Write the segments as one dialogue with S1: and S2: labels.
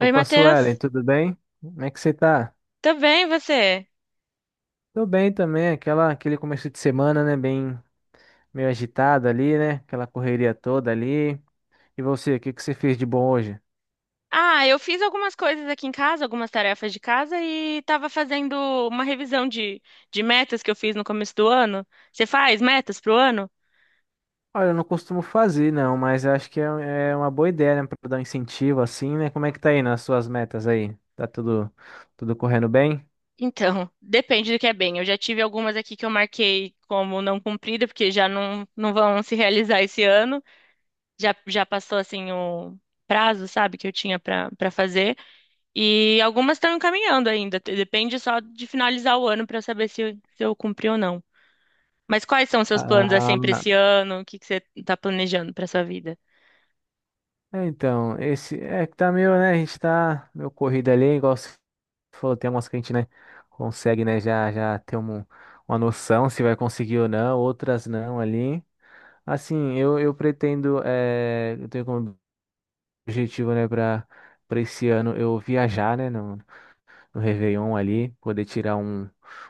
S1: Oi,
S2: Suelen,
S1: Matheus.
S2: tudo bem? Como é que você tá?
S1: Tudo bem, e você?
S2: Tô bem também, aquele começo de semana, né, bem meio agitado ali, né, aquela correria toda ali. E você, o que que você fez de bom hoje?
S1: Ah, eu fiz algumas coisas aqui em casa, algumas tarefas de casa e tava fazendo uma revisão de metas que eu fiz no começo do ano. Você faz metas pro ano?
S2: Olha, eu não costumo fazer, não, mas eu acho que é uma boa ideia, né, pra dar um incentivo assim, né? Como é que tá aí nas suas metas aí? Tá tudo correndo bem?
S1: Então, depende do que é bem. Eu já tive algumas aqui que eu marquei como não cumprida, porque já não, não vão se realizar esse ano. Já passou, assim, o prazo, sabe, que eu tinha pra para fazer. E algumas estão encaminhando ainda. Depende só de finalizar o ano pra eu saber se eu cumpri ou não. Mas quais são os seus planos
S2: Ah,
S1: assim para esse ano? O que que você está planejando para sua vida?
S2: é, então, esse é que tá meio, né? A gente tá meio corrido ali, igual você falou, tem algumas que a gente, né, consegue, né, já ter uma noção se vai conseguir ou não, outras não ali. Assim, eu pretendo, eu tenho como objetivo, né, para esse ano eu viajar, né? No Réveillon ali, poder tirar um,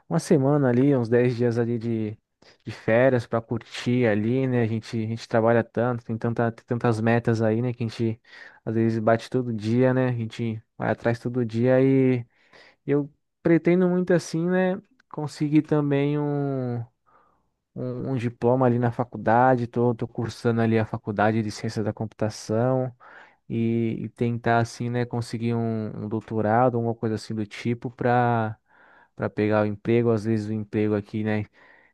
S2: uma semana ali, uns 10 dias ali de férias para curtir ali, né? A gente trabalha tanto, tem tantas metas aí, né? Que a gente às vezes bate todo dia, né? A gente vai atrás todo dia e eu pretendo muito assim, né? Conseguir também um, um diploma ali na faculdade, tô cursando ali a faculdade de ciência da computação e tentar assim, né, conseguir um doutorado, alguma coisa assim do tipo para pegar o emprego, às vezes o emprego aqui, né,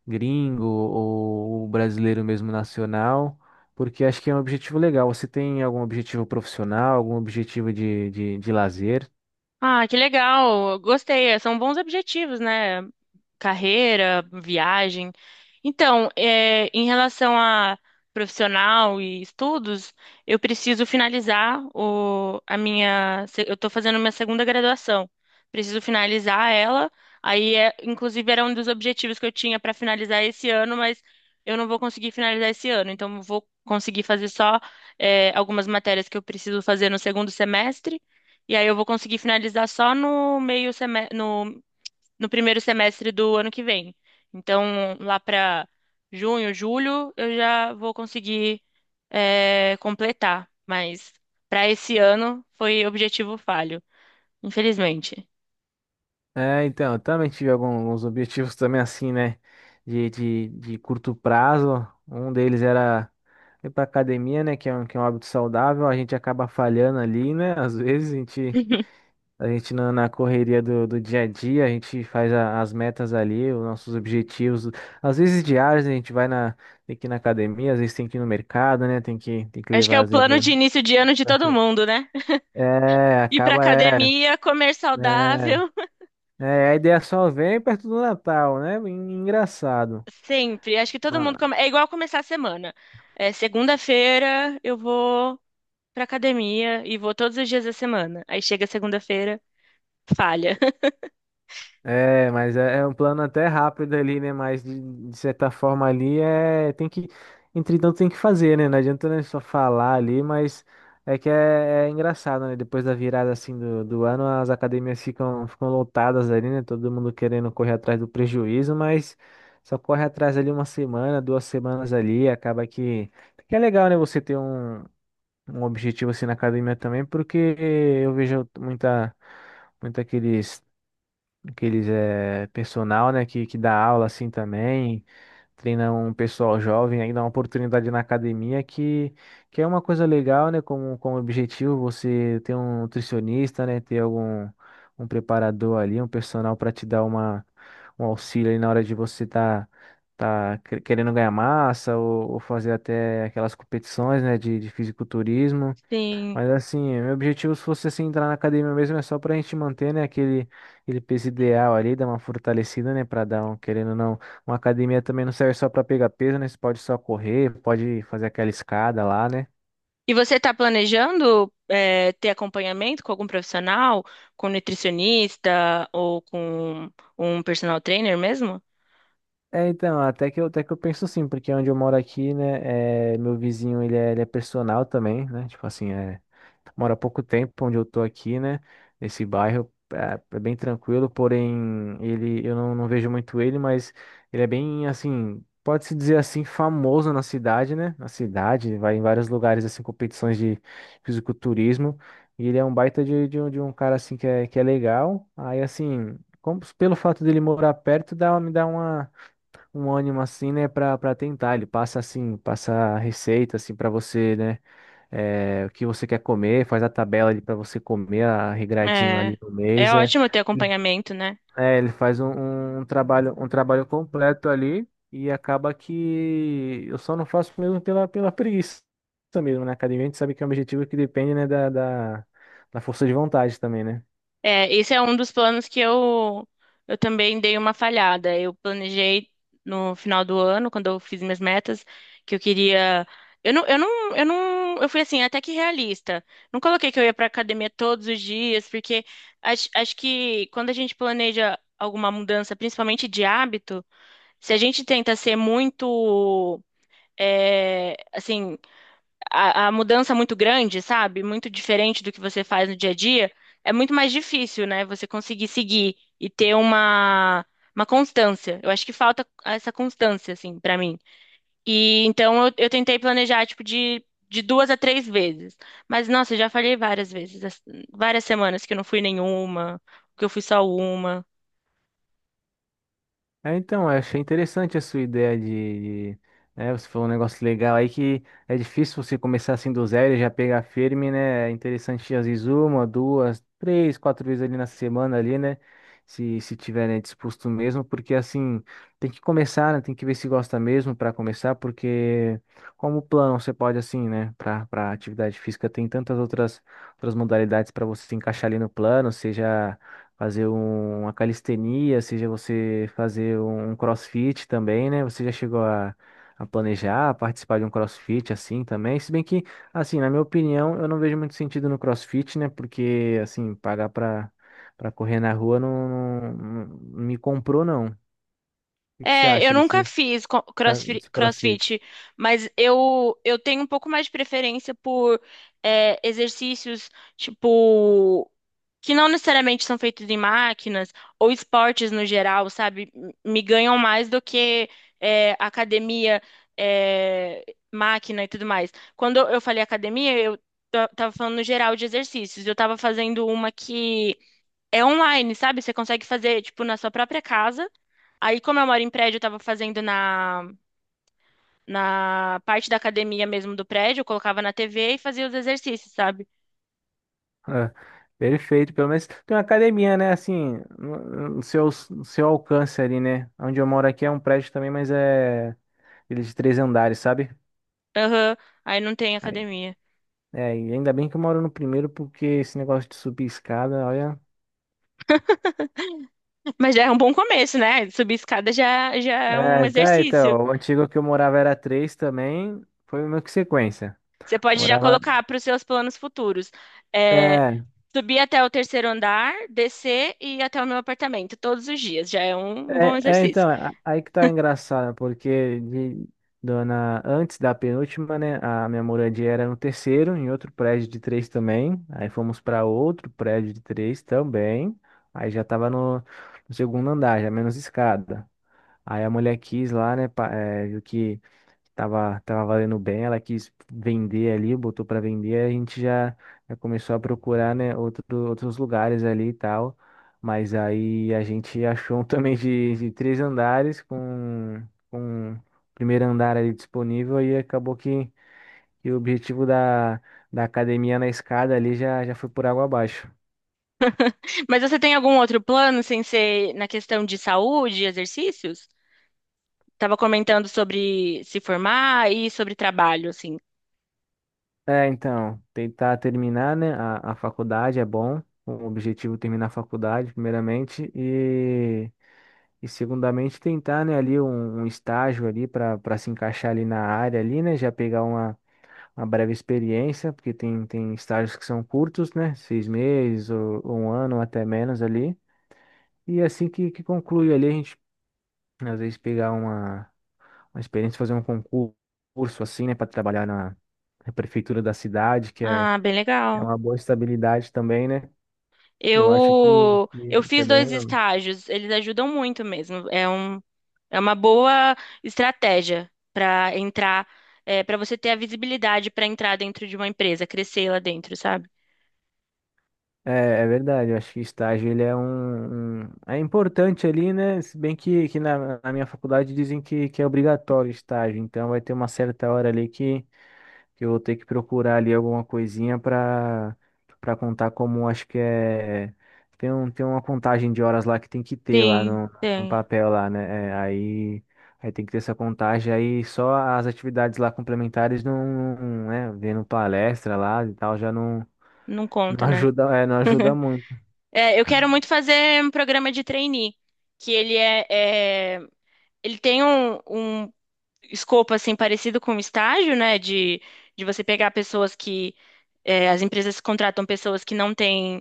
S2: gringo ou brasileiro mesmo nacional, porque acho que é um objetivo legal. Você tem algum objetivo profissional, algum objetivo de lazer?
S1: Ah, que legal! Gostei. São bons objetivos, né? Carreira, viagem. Então, é, em relação a profissional e estudos, eu preciso finalizar a minha. Eu estou fazendo minha segunda graduação. Preciso finalizar ela. Aí, é, inclusive, era um dos objetivos que eu tinha para finalizar esse ano, mas eu não vou conseguir finalizar esse ano. Então, eu vou conseguir fazer só, é, algumas matérias que eu preciso fazer no segundo semestre. E aí, eu vou conseguir finalizar só no meio semestre, no primeiro semestre do ano que vem. Então, lá para junho, julho, eu já vou conseguir, é, completar. Mas para esse ano foi objetivo falho, infelizmente.
S2: É, então, eu também tive alguns objetivos também assim, né? De curto prazo. Um deles era ir pra academia, né? Que é um hábito saudável. A gente acaba falhando ali, né? Às vezes a gente, a gente na correria do dia a dia, a gente faz as metas ali, os nossos objetivos. Às vezes diários, né, a gente vai na, tem que ir na academia, às vezes tem que ir no mercado, né? Tem que
S1: Acho que é
S2: levar,
S1: o
S2: às vezes.
S1: plano de início de ano de todo mundo, né?
S2: É,
S1: Ir pra
S2: acaba, é.
S1: academia, comer
S2: É.
S1: saudável.
S2: É, a ideia só vem perto do Natal, né? Engraçado.
S1: Sempre. Acho que todo mundo
S2: Ma-
S1: come... é igual começar a semana. É, segunda-feira eu vou pra academia e vou todos os dias da semana. Aí chega segunda-feira, falha.
S2: É, mas é um plano até rápido ali, né? Mas de certa forma ali entretanto tem que fazer, né? Não adianta né, só falar ali, mas é que é engraçado, né? Depois da virada assim do ano, as academias ficam lotadas ali, né? Todo mundo querendo correr atrás do prejuízo, mas só corre atrás ali uma semana, 2 semanas ali, acaba que é legal, né? Você ter um objetivo assim na academia também, porque eu vejo muita aqueles personal, né, que dá aula assim também, treina um pessoal jovem, aí dá uma oportunidade na academia que é uma coisa legal, né, como objetivo você ter um nutricionista, né, ter algum um preparador ali, um personal para te dar um auxílio aí na hora de você tá querendo ganhar massa ou fazer até aquelas competições, né, de fisiculturismo.
S1: Sim.
S2: Mas assim, meu objetivo, se fosse assim, entrar na academia mesmo, é só pra gente manter, né, aquele peso ideal ali, dar uma fortalecida, né, pra dar um, querendo ou não, uma academia também não serve só pra pegar peso, né, você pode só correr, pode fazer aquela escada lá, né.
S1: E você está planejando ter acompanhamento com algum profissional, com nutricionista ou com um personal trainer mesmo?
S2: É, então, até que eu penso sim, porque onde eu moro aqui, né, meu vizinho, ele é personal também, né, tipo assim, mora há pouco tempo onde eu tô aqui, né, nesse bairro, é bem tranquilo, porém, eu não vejo muito ele, mas ele é bem, assim, pode-se dizer assim, famoso na cidade, né, na cidade, vai em vários lugares, assim, competições de fisiculturismo, e ele é um baita de um cara, assim, que é legal, aí, assim, pelo fato dele morar perto, me dá uma um ânimo assim, né, Pra para tentar. Ele passa assim, passa a receita assim para você, né, o que você quer comer, faz a tabela ali para você comer a regradinho
S1: É,
S2: ali no
S1: é
S2: mês, é.
S1: ótimo ter
S2: Ele,
S1: acompanhamento, né?
S2: ele faz um, um trabalho completo ali e acaba que eu só não faço mesmo pela preguiça mesmo, né? Academia, a gente sabe que é um objetivo que depende, né, da força de vontade também, né?
S1: É, esse é um dos planos que eu também dei uma falhada. Eu planejei no final do ano, quando eu fiz minhas metas, que eu queria. Eu não, eu não, eu não, eu fui assim, até que realista. Não coloquei que eu ia pra academia todos os dias, porque acho que quando a gente planeja alguma mudança, principalmente de hábito, se a gente tenta ser muito, é, assim a mudança muito grande, sabe? Muito diferente do que você faz no dia a dia, é muito mais difícil, né? Você conseguir seguir e ter uma constância. Eu acho que falta essa constância, assim, pra mim. E então eu tentei planejar, tipo, de duas a três vezes. Mas, nossa, eu já falhei várias vezes, várias semanas que eu não fui nenhuma, que eu fui só uma.
S2: É, então, eu achei interessante a sua ideia né, você falou um negócio legal aí que é difícil você começar assim do zero e já pegar firme, né? É interessante às vezes uma, duas, três, quatro vezes ali na semana ali, né? Se tiver, né, disposto mesmo, porque assim, tem que começar, né? Tem que ver se gosta mesmo para começar, porque como plano você pode assim, né, para atividade física tem tantas outras modalidades para você se encaixar ali no plano, seja fazer uma calistenia, seja você fazer um CrossFit também, né? Você já chegou a planejar a participar de um CrossFit assim também? Se bem que, assim, na minha opinião, eu não vejo muito sentido no CrossFit, né? Porque, assim, pagar para correr na rua não me comprou, não. O que que você
S1: É, eu
S2: acha
S1: nunca fiz
S2: tá, desse CrossFit?
S1: crossfit, mas eu tenho um pouco mais de preferência por exercícios, tipo, que não necessariamente são feitos em máquinas, ou esportes no geral, sabe? Me ganham mais do que academia, é, máquina e tudo mais. Quando eu falei academia, eu tava falando no geral de exercícios. Eu tava fazendo uma que é online, sabe? Você consegue fazer, tipo, na sua própria casa. Aí, como eu moro em prédio, eu tava fazendo na parte da academia mesmo do prédio, eu colocava na TV e fazia os exercícios, sabe?
S2: Ah, perfeito, pelo menos tem uma academia, né? Assim, no no seu alcance ali, né? Onde eu moro aqui é um prédio também, mas é eles de três andares, sabe?
S1: Aham, aí não tem
S2: Aí,
S1: academia.
S2: e ainda bem que eu moro no primeiro, porque esse negócio de subir escada, olha.
S1: Mas já é um bom começo, né? Subir escada já é um
S2: É, tá,
S1: exercício.
S2: então, o antigo que eu morava era três também, foi meio que sequência.
S1: Você pode já
S2: Morava.
S1: colocar para os seus planos futuros. É,
S2: É,
S1: subir até o terceiro andar, descer e ir até o meu apartamento todos os dias. Já é um bom
S2: é,
S1: exercício.
S2: então, aí que tá engraçado, porque dona, antes da penúltima, né, a minha moradia era no terceiro, em outro prédio de três também. Aí fomos para outro prédio de três também. Aí já tava no segundo andar, já menos escada. Aí a mulher quis lá, né, viu que tava valendo bem, ela quis vender ali, botou para vender, a gente já começou a procurar, né, outros lugares ali e tal. Mas aí a gente achou um também de três andares com o primeiro andar ali disponível e acabou que o objetivo da academia na escada ali já foi por água abaixo.
S1: Mas você tem algum outro plano sem ser na questão de saúde, e exercícios? Tava comentando sobre se formar e sobre trabalho, assim.
S2: É, então, tentar terminar, né, a faculdade é bom, o objetivo é terminar a faculdade, primeiramente, e segundamente tentar, né, ali um estágio ali para se encaixar ali na área ali, né, já pegar uma, breve experiência, porque tem estágios que são curtos, né, 6 meses ou um ano, ou até menos ali, e assim que conclui ali, a gente às vezes pegar uma experiência, fazer um concurso assim, né, para trabalhar na prefeitura da cidade, que é
S1: Ah, bem
S2: é
S1: legal.
S2: uma boa estabilidade também, né? Eu acho que,
S1: Eu
S2: que, que é
S1: fiz
S2: bem
S1: dois
S2: legal.
S1: estágios, eles ajudam muito mesmo. É uma boa estratégia para entrar, é, para você ter a visibilidade para entrar dentro de uma empresa, crescer lá dentro, sabe?
S2: É, é verdade, eu acho que estágio ele é importante ali, né? Se bem que na minha faculdade dizem que é obrigatório estágio, então vai ter uma certa hora ali que eu vou ter que procurar ali alguma coisinha para contar como acho que é tem uma contagem de horas lá que tem que ter lá
S1: Sim,
S2: no
S1: tem.
S2: papel lá, né? É, aí tem que ter essa contagem aí só as atividades lá complementares não, não, né, vendo palestra lá e tal já não
S1: Não
S2: não
S1: conta, né?
S2: ajuda, não ajuda muito.
S1: É, eu quero muito fazer um programa de trainee, que ele é, é ele tem um escopo assim parecido com o estágio, né? De você pegar pessoas que é, as empresas contratam pessoas que não têm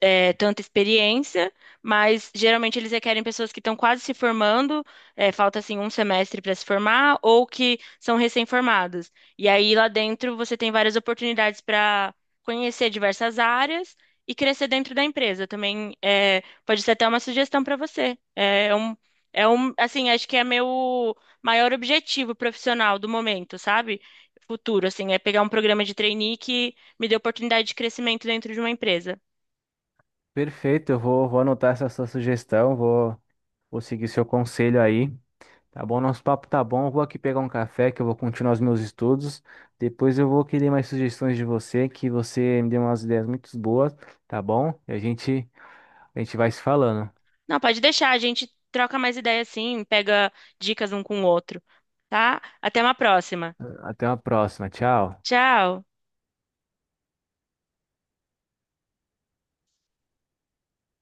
S1: é, tanta experiência, mas geralmente eles requerem pessoas que estão quase se formando, é, falta assim um semestre para se formar, ou que são recém-formados. E aí lá dentro você tem várias oportunidades para conhecer diversas áreas e crescer dentro da empresa. Também é, pode ser até uma sugestão para você. É um, assim, acho que é meu maior objetivo profissional do momento, sabe? Futuro, assim, é pegar um programa de trainee que me dê oportunidade de crescimento dentro de uma empresa.
S2: Perfeito, eu vou anotar essa sua sugestão, vou seguir seu conselho aí. Tá bom, nosso papo tá bom. Eu vou aqui pegar um café que eu vou continuar os meus estudos. Depois eu vou querer mais sugestões de você, que você me deu umas ideias muito boas, tá bom? E a gente vai se falando.
S1: Não, pode deixar, a gente troca mais ideia assim, pega dicas um com o outro, tá? Até uma próxima.
S2: Até uma próxima. Tchau.
S1: Tchau.